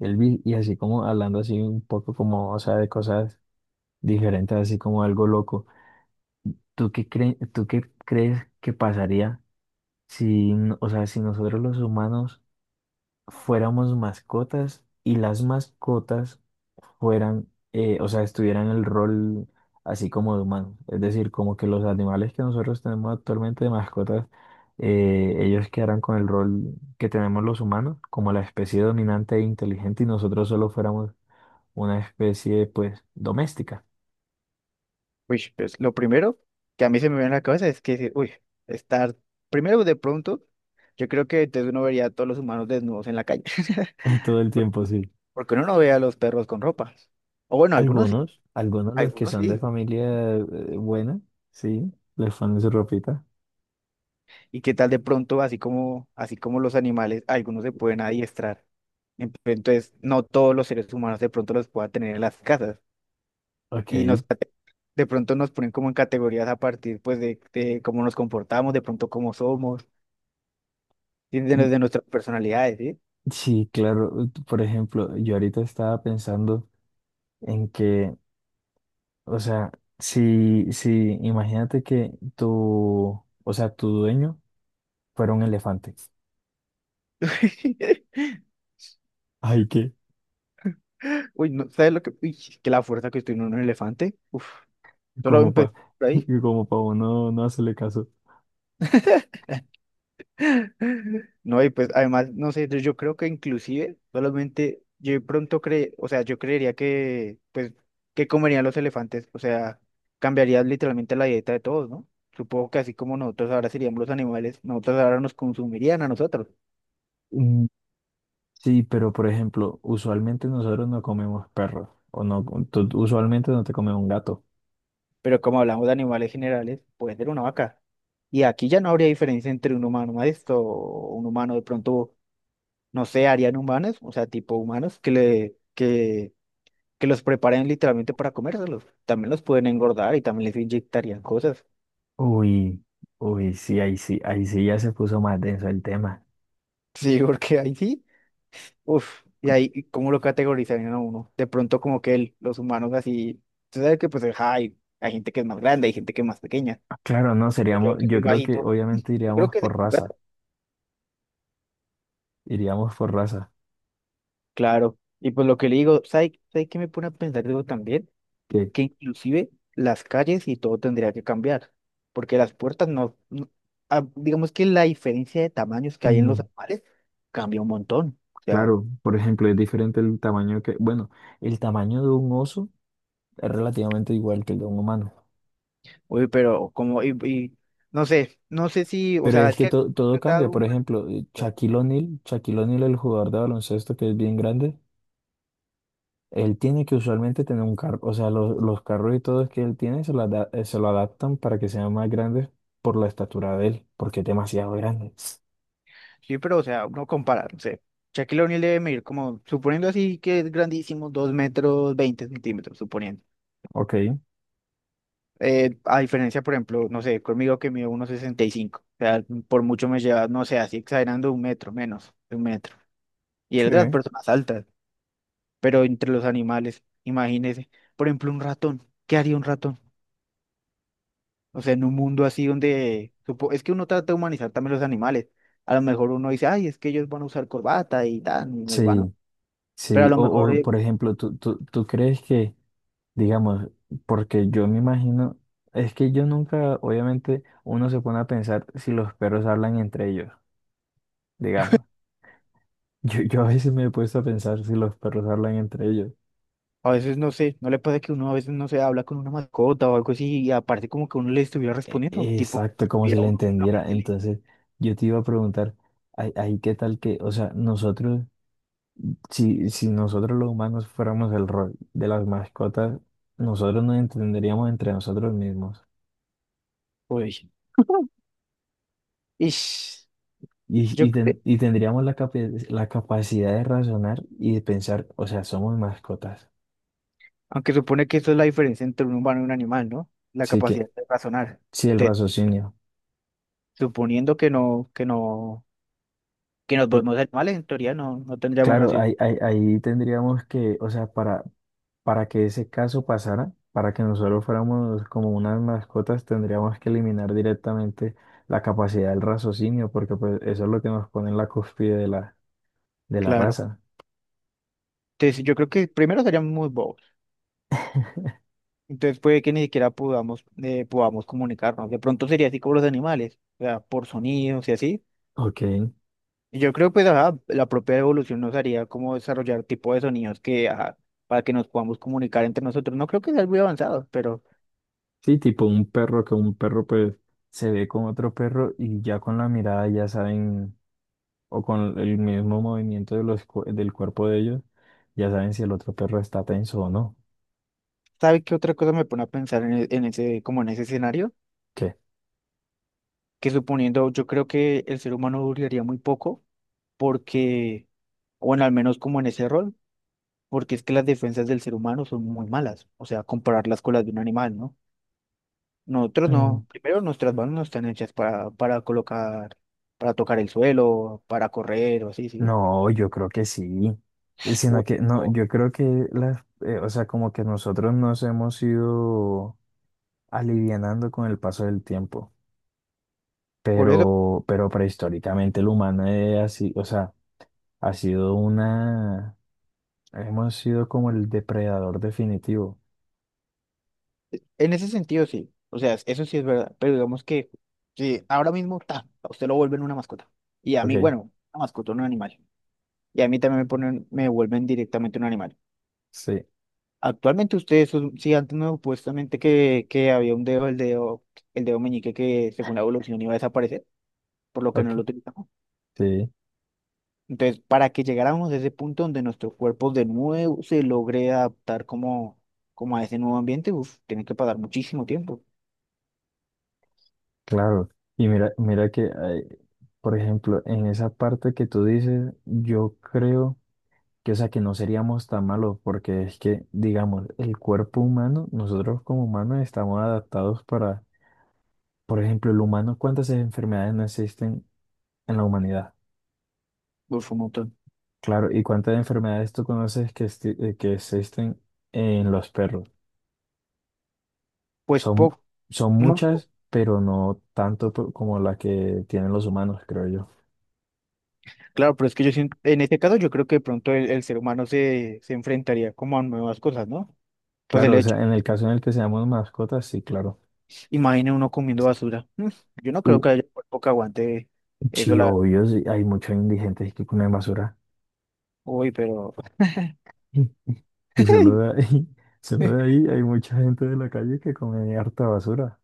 Elvis, y así como hablando así un poco como, o sea, de cosas diferentes, así como algo loco. Tú qué crees que pasaría si nosotros los humanos fuéramos mascotas y las mascotas estuvieran el rol así como de humanos? Es decir, como que los animales que nosotros tenemos actualmente de mascotas, ellos quedaran con el rol que tenemos los humanos, como la especie dominante e inteligente y nosotros solo fuéramos una especie, pues, doméstica Uy, pues lo primero que a mí se me viene a la cabeza es que, decir, uy, estar, primero de pronto, yo creo que entonces uno vería a todos los humanos desnudos en la calle, todo el tiempo, sí. porque uno no ve a los perros con ropa. O bueno, algunos sí, Algunos, algunos los que algunos son de sí. familia buena, sí, les ponen su ropita. ¿Y qué tal de pronto, así como los animales, algunos se pueden adiestrar? Entonces, no todos los seres humanos de pronto los pueda tener en las casas. Y Ok. nos, de pronto nos ponen como en categorías a partir, pues, de cómo nos comportamos, de pronto cómo somos, y Mm, de nuestras personalidades, ¿sí? sí, claro. Por ejemplo, yo ahorita estaba pensando en que, o sea, si, si, imagínate que tu dueño fuera un elefante. Ay, ¿qué? Uy, no, ¿sabes lo que? Uy, que la fuerza que tiene un elefante. Uf, solo Como pa, empecé por ahí. como pa uno no hacerle caso. No, y pues además, no sé, yo creo que inclusive solamente yo de pronto o sea, yo creería que, pues, que comerían los elefantes? O sea, cambiaría literalmente la dieta de todos, ¿no? Supongo que así como nosotros ahora seríamos los animales, nosotros ahora nos consumirían a nosotros. Sí, pero por ejemplo, usualmente nosotros no comemos perros, o no, usualmente no te comes un gato. Pero como hablamos de animales generales, puede ser una vaca. Y aquí ya no habría diferencia entre un humano esto, un humano de pronto no sé, harían humanos, o sea, tipo humanos que que los preparen literalmente para comérselos. También los pueden engordar y también les inyectarían cosas. Uy, uy, sí, ahí sí, ahí sí ya se puso más denso el tema. Sí, porque ahí sí, uff, y ahí ¿y cómo lo categorizarían a uno? De pronto como que los humanos así, tú sabes que pues ajá, hay gente que es más grande, hay gente que es más pequeña. Claro, no, Pues yo seríamos, que yo soy creo que bajito, obviamente yo creo que... iríamos por raza, Claro, y pues lo que le digo, ¿sabes qué me pone a pensar digo también? que Que inclusive las calles y todo tendría que cambiar, porque las puertas ah, digamos que la diferencia de tamaños que hay en los mm, animales cambia un montón. O sea, claro, por ejemplo, es diferente el tamaño que, bueno, el tamaño de un oso es relativamente igual que el de un humano, uy, pero como, y no sé, no sé si, o pero sea, es es que que han todo cambia, tratado por humano, ejemplo, o sea, Shaquille O'Neal, Shaquille O'Neal, el jugador de baloncesto que es bien grande. Él tiene que usualmente tener un carro, o sea, los carros y todo que él tiene se lo adaptan para que sean más grandes por la estatura de él, porque es demasiado grande. sí, pero o sea, uno compara, no sé. Shaquille O'Neal debe medir como, suponiendo así que es grandísimo, 2 metros 20 centímetros, suponiendo. Ok, A diferencia, por ejemplo, no sé, conmigo que mido 1,65. O sea, por mucho me lleva, no sé, así exagerando 1 metro, menos de 1 metro. Y es de las sí. personas altas, pero entre los animales, imagínese, por ejemplo, un ratón. ¿Qué haría un ratón? O sea, en un mundo así donde... Es que uno trata de humanizar también los animales. A lo mejor uno dice, ay, es que ellos van a usar corbata y tal, y nos van a... Sí, Pero a sí. lo mejor O, por ejemplo, ¿tú crees que, digamos, porque yo me imagino, es que yo nunca, obviamente, uno se pone a pensar si los perros hablan entre ellos, digamos. Yo a veces me he puesto a pensar si los perros hablan entre ellos. a veces, no sé, no le pasa que uno a veces, no se habla con una mascota o algo así y aparte como que uno le estuviera respondiendo, tipo... Exacto, como si Mira, le uno entendiera. fijamente. Entonces, yo te iba a preguntar, ahí qué tal que, o sea, nosotros, si, si nosotros los humanos fuéramos el rol de las mascotas, nosotros nos entenderíamos entre nosotros mismos Uy. Ish. y, Yo, y, ten- cre- y tendríamos la capacidad de razonar y de pensar, o sea, somos mascotas. Aunque supone que eso es la diferencia entre un humano y un animal, ¿no? La Así que, capacidad de razonar. sí, el Te- raciocinio. Suponiendo que no, que nos volvemos animales, en teoría no, no tendríamos Claro, razón. Ahí tendríamos que, o sea, para que ese caso pasara, para que nosotros fuéramos como unas mascotas, tendríamos que eliminar directamente la capacidad del raciocinio, porque pues eso es lo que nos pone en la cúspide de la Claro. raza. Entonces, yo creo que primero seríamos muy bobos. Entonces puede que ni siquiera podamos, podamos comunicarnos. De pronto sería así como los animales, o sea, por sonidos y así. Ok. Y yo creo pues ajá, la propia evolución nos haría como desarrollar tipo de sonidos que ajá, para que nos podamos comunicar entre nosotros. No creo que sea algo muy avanzado, pero Sí, tipo un perro, que un perro pues se ve con otro perro y ya con la mirada ya saben, o con el mismo movimiento de del cuerpo de ellos, ya saben si el otro perro está tenso o no. ¿sabe qué otra cosa me pone a pensar en, en ese, como en ese escenario? ¿Qué? Que suponiendo, yo creo que el ser humano duraría muy poco, porque, bueno, al menos como en ese rol, porque es que las defensas del ser humano son muy malas, o sea, compararlas con las de un animal, ¿no? Nosotros no, primero nuestras manos no están hechas para colocar, para tocar el suelo, para correr o así, ¿sí? No, yo creo que sí, sino O- que no, o- yo creo que como que nosotros nos hemos ido alivianando con el paso del tiempo, Por eso. Pero prehistóricamente el humano es así, o sea, ha sido una, hemos sido como el depredador definitivo, En ese sentido, sí. O sea, eso sí es verdad. Pero digamos que sí, ahora mismo ta, a usted lo vuelven una mascota. Y a mí, ok, bueno, una mascota, un animal. Y a mí también me ponen, me vuelven directamente un animal. sí, Actualmente ustedes, sí, antes no, supuestamente que había un dedo, el dedo meñique que según la evolución iba a desaparecer, por lo que ok, no lo utilizamos. sí, Entonces, para que llegáramos a ese punto donde nuestro cuerpo de nuevo se logre adaptar como, como a ese nuevo ambiente, uf, tiene que pasar muchísimo tiempo. claro, y mira, por ejemplo, en esa parte que tú dices, yo creo que, o sea, que no seríamos tan malos, porque es que, digamos, el cuerpo humano, nosotros como humanos estamos adaptados para, por ejemplo, el humano, ¿cuántas enfermedades no existen en la humanidad? Uf, un montón. Claro, ¿y cuántas enfermedades tú conoces que existen en los perros? Pues Son, poco. son No. muchas, pero no tanto como la que tienen los humanos, creo yo. Claro, pero es que yo siento, en este caso yo creo que de pronto el ser humano se enfrentaría como a nuevas cosas, ¿no? Pues el Claro, o hecho, sea, en el caso en el que seamos mascotas, sí, claro. imagine uno comiendo basura. Mm. Yo no Uh, creo que haya cuerpo que aguante eso sí, la... obvio, sí, hay muchos indigentes que comen basura. Uy, pero... Y solo de ahí, solo de ahí hay mucha gente de la calle que come harta basura.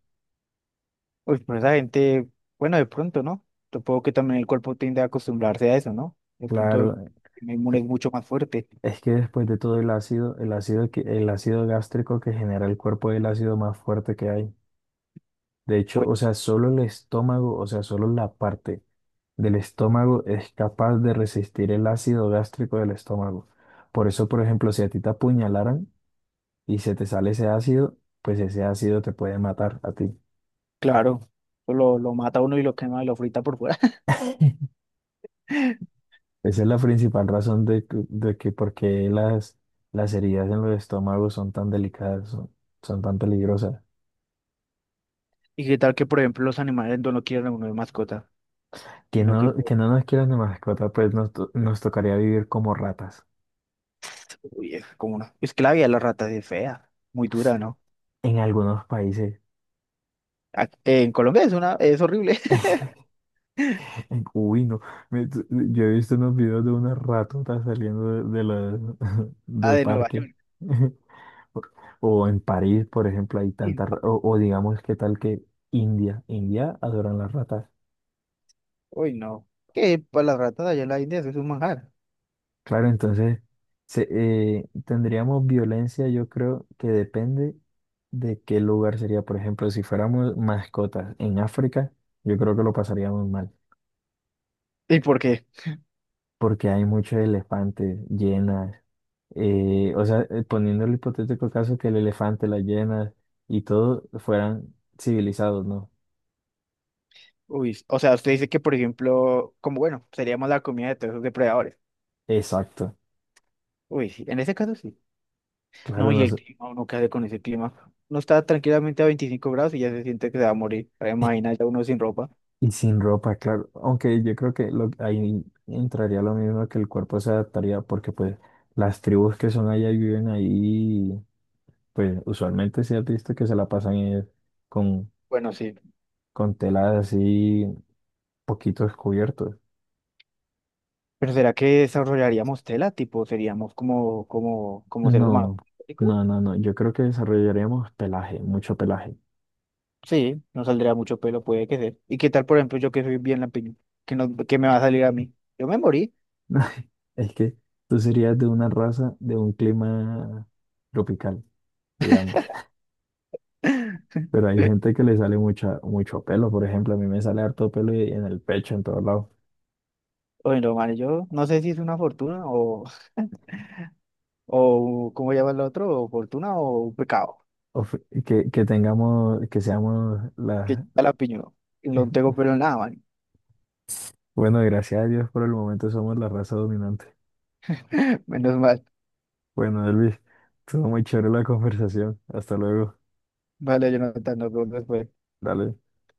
Uy, pero esa gente, bueno, de pronto, ¿no? Supongo que también el cuerpo tiende a acostumbrarse a eso, ¿no? De Claro, pronto e, el inmune es mucho más fuerte. es que después de todo el ácido, el ácido gástrico que genera el cuerpo es el ácido más fuerte que hay. De hecho, Pues o sea, solo el estómago, o sea, solo la parte del estómago es capaz de resistir el ácido gástrico del estómago. Por eso, por ejemplo, si a ti te apuñalaran y se te sale ese ácido, pues ese ácido te puede matar a ti. claro, lo mata uno y lo quema y lo frita por fuera. Esa es la principal razón de que por qué las heridas en los estómagos son tan delicadas, son, son tan peligrosas. ¿Y qué tal que, por ejemplo, los animales no lo quieran a uno de mascota? Sino que Que no nos quieran de mascota, pues nos tocaría vivir como ratas uy, es como una esclavia de las ratas es fea, muy dura, ¿no? en algunos países. En Colombia es una, es horrible. Uy, no. Yo he visto unos videos de unas ratotas saliendo de, La del de Nueva parque. York. O en París, por ejemplo, hay Bien tantas... pa-. O, o digamos, ¿qué tal que India? India adoran las ratas. Uy, no. Que para las ratas allá en la India eso es un manjar. Claro, entonces tendríamos violencia, yo creo que depende de qué lugar sería. Por ejemplo, si fuéramos mascotas en África, yo creo que lo pasaríamos mal, ¿Y por qué? porque hay muchos elefantes, llenas, poniendo el hipotético caso que el elefante, las llenas y todo fueran civilizados, ¿no? Uy, o sea, usted dice que, por ejemplo, como bueno, sería más la comida de todos esos depredadores. Exacto. Uy, sí, en ese caso sí. No, Claro, y el clima, uno qué hace con ese clima. Uno está tranquilamente a 25 grados y ya se siente que se va a morir. Ahora imagina ya uno sin ropa. y sin ropa, claro. Aunque yo creo que ahí entraría lo mismo que el cuerpo se adaptaría porque pues las tribus que son allá y viven ahí, pues usualmente sí has visto que se la pasan con, Bueno, sí. con telas así poquitos cubiertos. Pero ¿será que desarrollaríamos tela? Tipo, seríamos como, como, como seres humanos. No, no, no, no. Yo creo que desarrollaríamos pelaje, mucho pelaje. Sí, no saldría mucho pelo, puede que sea. ¿Y qué tal, por ejemplo, yo que soy bien lampiño? ¿Qué, no, qué me va a salir a mí? Yo me morí. Es que tú serías de una raza, de un clima tropical, digamos. Pero hay gente que le sale mucha, mucho pelo, por ejemplo, a mí me sale harto pelo en el pecho, en todos lados. Bueno, man, yo no sé si es una fortuna o ¿cómo llama el otro? O fortuna o un pecado. O que tengamos, que seamos Que la... ya lampiño. No tengo pelo en nada, man. Bueno, gracias a Dios por el momento somos la raza dominante. Menos mal. Bueno, Elvis, estuvo muy chévere la conversación. Hasta luego. Vale, yo no tanto, Dale.